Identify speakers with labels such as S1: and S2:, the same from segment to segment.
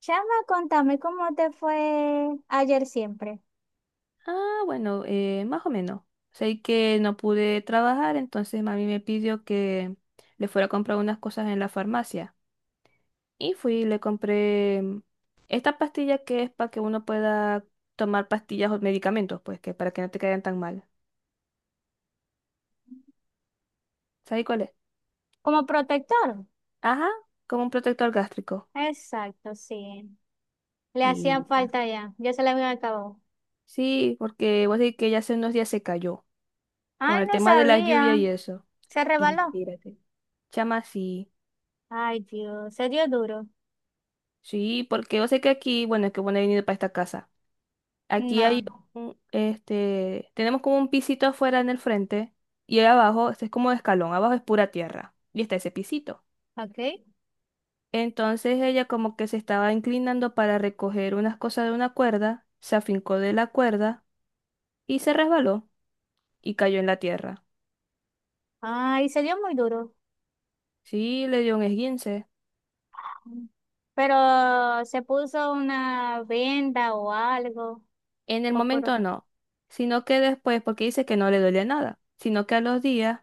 S1: Chama, contame cómo te fue ayer siempre.
S2: Ah, bueno, más o menos. Sé que no pude trabajar, entonces mami me pidió que le fuera a comprar unas cosas en la farmacia. Y fui y le compré esta pastilla que es para que uno pueda tomar pastillas o medicamentos, pues que para que no te caigan tan mal. ¿Sabes cuál es?
S1: Como protector.
S2: Ajá, como un protector gástrico.
S1: Exacto, sí. Le
S2: Y
S1: hacían
S2: tal.
S1: falta ya. Ya se le había acabado.
S2: Sí, porque vos decís que ya hace unos días se cayó con
S1: Ay,
S2: el
S1: no
S2: tema de la lluvia
S1: sabía.
S2: y eso.
S1: Se
S2: Y
S1: rebaló.
S2: mírate. Chama, sí.
S1: Ay, Dios. Se dio duro.
S2: Sí, porque yo sé que aquí, bueno, es que bueno, he venido para esta casa. Aquí hay
S1: No.
S2: un, este, tenemos como un pisito afuera en el frente y ahí abajo, este es como de escalón, abajo es pura tierra y está ese pisito.
S1: Ok.
S2: Entonces ella como que se estaba inclinando para recoger unas cosas de una cuerda, se afincó de la cuerda y se resbaló y cayó en la tierra.
S1: Ay, se dio muy duro.
S2: Sí, le dio un esguince.
S1: Pero se puso una venda o algo.
S2: En el
S1: O por...
S2: momento no, sino que después, porque dice que no le duele nada, sino que a los días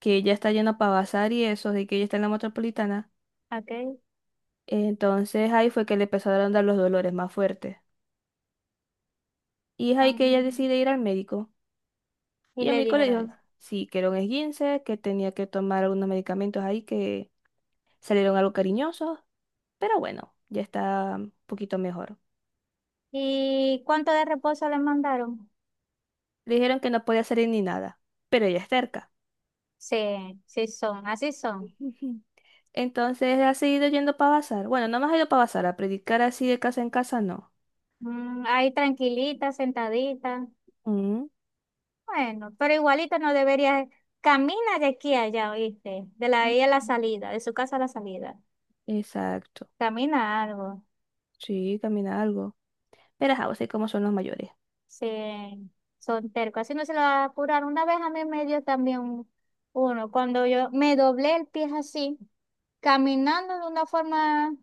S2: que ella está yendo para bazar y eso, de que ella está en la metropolitana.
S1: Ok.
S2: Entonces ahí fue que le empezaron a dar los dolores más fuertes. Y es ahí
S1: Ah,
S2: que ella decide ir al médico.
S1: y
S2: Y el
S1: le
S2: médico le
S1: dijeron
S2: dijo,
S1: eso.
S2: sí, que era un esguince, que tenía que tomar algunos medicamentos ahí que salieron algo cariñosos, pero bueno, ya está un poquito mejor.
S1: ¿Y cuánto de reposo le mandaron?
S2: Le dijeron que no podía salir ni nada, pero ella es terca.
S1: Sí, sí son. Así son.
S2: Ujú. Entonces ha seguido yendo para bazar. Bueno, no más ha ido para bazar, a predicar así de casa en casa, no.
S1: Mm, ahí tranquilita, sentadita.
S2: Mm.
S1: Bueno, pero igualito no debería. Camina de aquí a allá, ¿oíste? De la ahí a la salida, de su casa a la salida.
S2: Exacto.
S1: Camina algo.
S2: Sí, camina algo. Pero ajá, vos sabés cómo son los mayores.
S1: Sí, son tercos. Así no se lo va a apurar. Una vez a mí me dio también uno. Cuando yo me doblé el pie así, caminando de una forma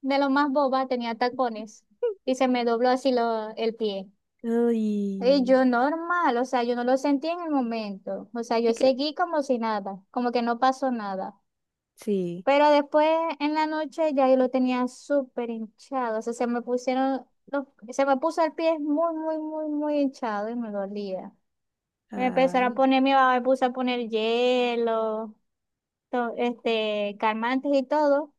S1: de lo más boba, tenía tacones. Y se me dobló así lo, el pie. Y
S2: Uy.
S1: yo normal, o sea, yo no lo sentí en el momento, o sea, yo
S2: Es que
S1: seguí como si nada, como que no pasó nada.
S2: sí.
S1: Pero después en la noche ya yo lo tenía súper hinchado, o sea, se me pusieron, se me puso el pie muy, muy, muy, muy hinchado y me dolía. Me empezaron a
S2: Ay,
S1: poner, mi mamá me puso a poner hielo, este, calmantes y todo,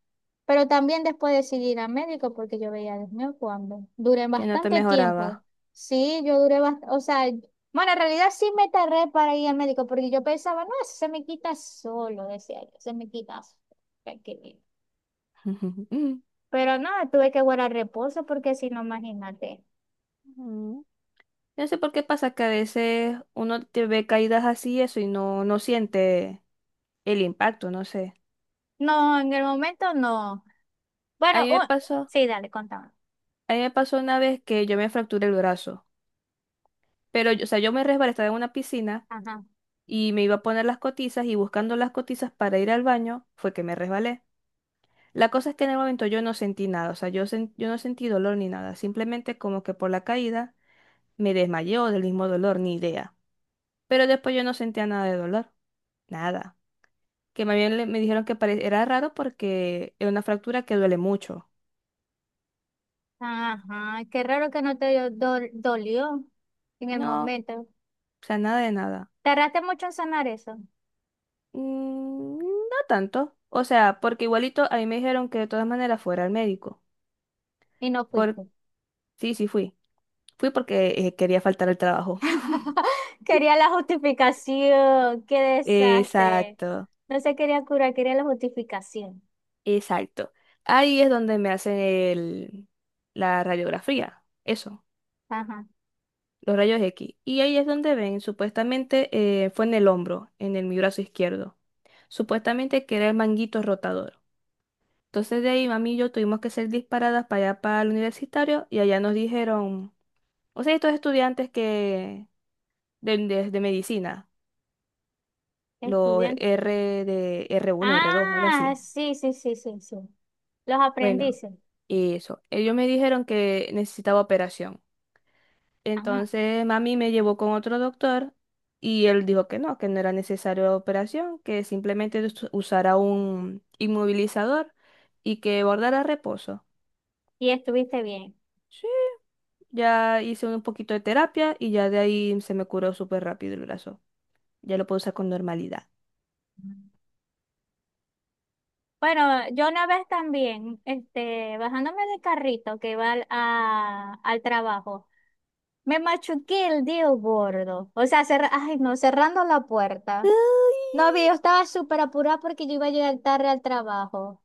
S1: pero también después decidí ir al médico porque yo veía, Dios mío, cuando duré
S2: que no te
S1: bastante tiempo.
S2: mejoraba.
S1: Sí, yo duré bastante, o sea, bueno, en realidad sí me tardé para ir al médico porque yo pensaba, no, eso se me quita solo, decía yo, se me quita solo. Tranquilito. Pero no, tuve que guardar reposo porque si no, imagínate.
S2: Mm. No sé por qué pasa que a veces uno te ve caídas así eso y no, no siente el impacto, no sé.
S1: No, en el momento no.
S2: A
S1: Bueno,
S2: mí me pasó,
S1: sí, dale, contame.
S2: a mí me pasó una vez que yo me fracturé el brazo, pero yo, o sea, yo me resbalé, estaba en una piscina
S1: Ajá,
S2: y me iba a poner las cotizas y buscando las cotizas para ir al baño fue que me resbalé. La cosa es que en el momento yo no sentí nada, o sea, yo no sentí dolor ni nada, simplemente como que por la caída. Me desmayé o del mismo dolor, ni idea. Pero después yo no sentía nada de dolor, nada. Que más bien me dijeron que era raro porque era una fractura que duele mucho.
S1: ajá, qué raro que no te dolió en el
S2: No, o
S1: momento.
S2: sea, nada de nada.
S1: Tardaste mucho en sanar eso
S2: Mm, no tanto. O sea, porque igualito a mí me dijeron que de todas maneras fuera al médico.
S1: y no
S2: Por...
S1: fuiste.
S2: Sí, sí fui. Fui porque quería faltar al trabajo.
S1: Quería la justificación, qué desastre.
S2: Exacto,
S1: No se quería curar, quería la justificación.
S2: exacto. Ahí es donde me hacen el... la radiografía. Eso.
S1: Ajá,
S2: Los rayos X. Y ahí es donde ven, supuestamente fue en el hombro, en el, mi brazo izquierdo. Supuestamente que era el manguito rotador. Entonces de ahí mami y yo tuvimos que ser disparadas para allá para el universitario y allá nos dijeron, o sea, estos estudiantes que de medicina, los
S1: estudiante.
S2: R de r uno r dos algo
S1: Ah,
S2: así.
S1: sí, sí, sí, sí, sí. Los
S2: Bueno,
S1: aprendices.
S2: y eso. Ellos me dijeron que necesitaba operación.
S1: Ajá,
S2: Entonces mami me llevó con otro doctor y él dijo que no era necesaria la operación, que simplemente usara un inmovilizador y que guardara reposo.
S1: y estuviste bien.
S2: Sí, ya hice un poquito de terapia y ya de ahí se me curó súper rápido el brazo. Ya lo puedo usar con normalidad.
S1: Bueno, yo una vez también, este, bajándome del carrito que iba al trabajo. Me machuqué el dedo gordo. O sea, ay, no, cerrando la puerta. No, vi, yo estaba súper apurada porque yo iba a llegar tarde al trabajo.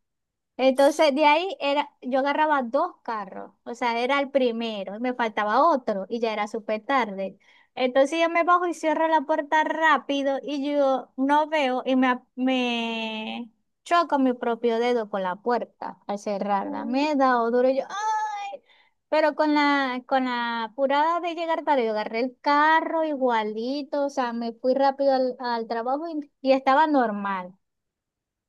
S1: Entonces de ahí era, yo agarraba dos carros, o sea, era el primero, y me faltaba otro y ya era súper tarde. Entonces yo me bajo y cierro la puerta rápido y yo no veo y me, me choco mi propio dedo con la puerta al cerrarla.
S2: Uy.
S1: Me he dado duro y yo, ¡ay! Pero con la apurada de llegar tarde, yo agarré el carro igualito, o sea, me fui rápido al, al trabajo y estaba normal.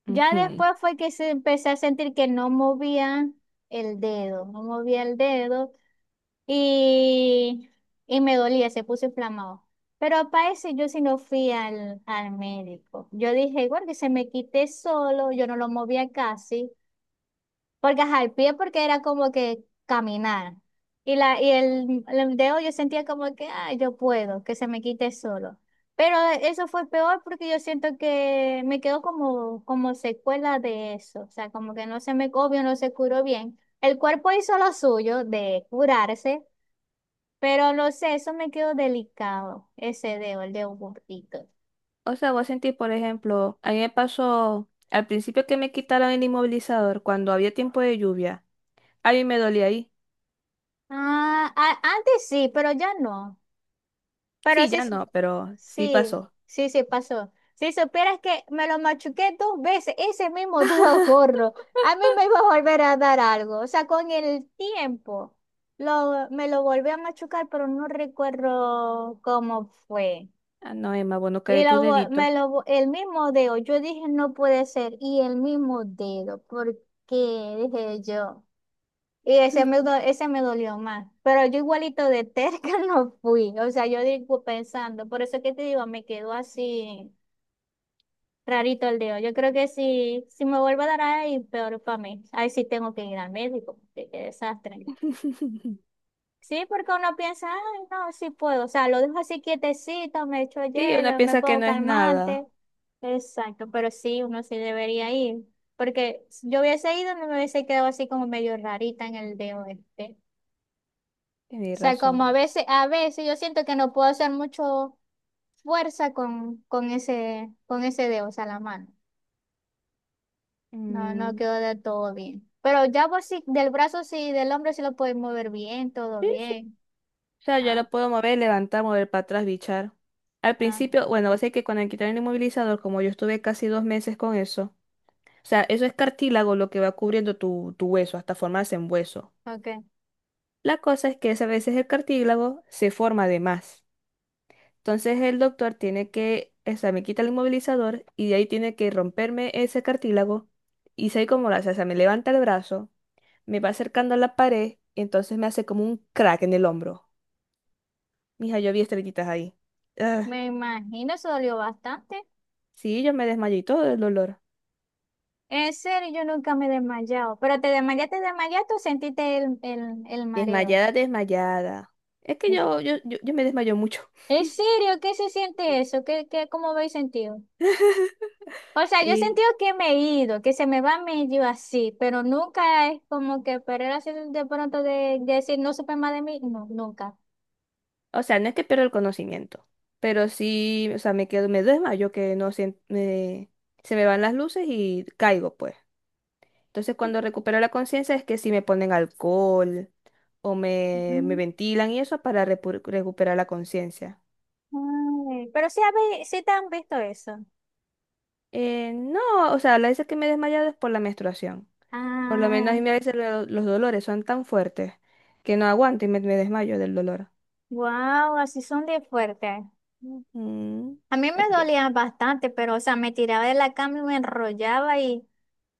S1: Ya
S2: Ujú.
S1: después fue que se empecé a sentir que no movía el dedo, no movía el dedo y, y me dolía, se puso inflamado. Pero para eso yo sí no fui al, al médico. Yo dije, igual que se me quite solo, yo no lo movía casi. Porque ajá, el pie porque era como que caminar. Y, la, y el dedo yo sentía como que, ay, yo puedo, que se me quite solo. Pero eso fue peor porque yo siento que me quedó como, como secuela de eso. O sea, como que no se me, obvio, no se curó bien. El cuerpo hizo lo suyo de curarse, pero no sé, eso me quedó delicado, ese dedo, el dedo gordito.
S2: O sea, vos sentís, por ejemplo, a mí me pasó al principio que me quitaron el inmovilizador cuando había tiempo de lluvia. A mí me dolía ahí.
S1: Ah, antes sí, pero ya no. Pero
S2: Sí,
S1: sí,
S2: ya
S1: sí,
S2: no, pero sí
S1: sí,
S2: pasó.
S1: sí pasó. Si supieras que me lo machuqué dos veces, ese mismo dedo gordo, a mí me iba a volver a dar algo. O sea, con el tiempo lo, me lo volví a machucar, pero no recuerdo cómo fue.
S2: Ah, no, Emma, bueno,
S1: Y
S2: caeré tu
S1: lo,
S2: dedito.
S1: me lo, el mismo dedo, yo dije, no puede ser, y el mismo dedo, porque dije yo. Y ese me, ese me dolió más. Pero yo igualito de terca no fui. O sea, yo digo pensando, por eso que te digo, me quedó así rarito el dedo. Yo creo que si, si me vuelvo a dar ahí, peor para mí. Ahí sí tengo que ir al médico. Qué, qué desastre. Sí, porque uno piensa, ay, no, sí puedo. O sea, lo dejo así quietecito, me echo
S2: Sí, una
S1: hielo, me
S2: piensa que
S1: pongo
S2: no es nada.
S1: calmante. Exacto, pero sí, uno sí debería ir. Porque si yo hubiese ido, no me hubiese quedado así como medio rarita en el dedo este.
S2: Tienes
S1: O sea, como
S2: razón.
S1: a veces yo siento que no puedo hacer mucho fuerza con ese dedo, o sea, la mano. No, no
S2: Mm,
S1: quedó del todo bien. Pero ya por si del brazo sí, del hombro sí lo puedes mover bien, todo
S2: sí, sí.
S1: bien.
S2: O sea, yo lo
S1: Ah,
S2: puedo mover, levantar, mover para atrás, bichar. Al
S1: ah,
S2: principio, bueno, sé que cuando me quitaron el inmovilizador, como yo estuve casi 2 meses con eso, o sea, eso es cartílago lo que va cubriendo tu, tu hueso hasta formarse en hueso.
S1: ok.
S2: La cosa es que a veces el cartílago se forma de más. Entonces el doctor tiene que, o sea, me quita el inmovilizador y de ahí tiene que romperme ese cartílago. Y sé cómo lo hace, o sea, me levanta el brazo, me va acercando a la pared y entonces me hace como un crack en el hombro. Mija, yo vi estrellitas ahí. Ah,
S1: Me imagino, eso dolió bastante.
S2: sí, yo me desmayé y todo el dolor.
S1: En serio, yo nunca me he desmayado. Pero te desmayaste, desmayaste o sentiste el mareo.
S2: Desmayada, desmayada. Es que yo me desmayo mucho.
S1: En serio, ¿qué se siente eso? ¿Qué, qué, cómo habéis sentido? O sea, yo he
S2: Y,
S1: sentido que me he ido, que se me va medio así, pero nunca es como que perder así de pronto de decir no supe más de mí. No, nunca.
S2: o sea, no es que pierdo el conocimiento, pero sí, o sea, me quedo, me desmayo que no sien- me- se me van las luces y caigo, pues. Entonces, cuando recupero la conciencia es que si me ponen alcohol o me
S1: Mm,
S2: ventilan y eso para recuperar la conciencia.
S1: ay, pero sí, sí te han visto eso.
S2: No, o sea, la veces que me he desmayado es por la menstruación. Por lo menos
S1: Ah,
S2: a mí a veces los dolores son tan fuertes que no aguanto y me desmayo del dolor.
S1: wow, así son de fuerte.
S2: Ujú.
S1: A mí me
S2: Es que,
S1: dolía bastante, pero o sea, me tiraba de la cama y me enrollaba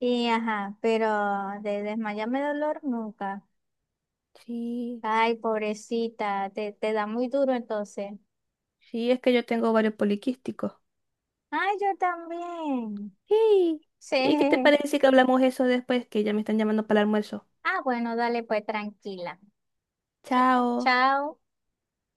S1: y ajá, pero de desmayarme de dolor nunca.
S2: sí,
S1: Ay, pobrecita, te da muy duro entonces.
S2: sí, es que yo tengo varios poliquísticos.
S1: Ay, yo también.
S2: Sí.
S1: Sí.
S2: ¿Y qué te parece que hablamos eso después? Que ya me están llamando para el almuerzo.
S1: Ah, bueno, dale pues tranquila. Chao.
S2: Chao.
S1: Chao.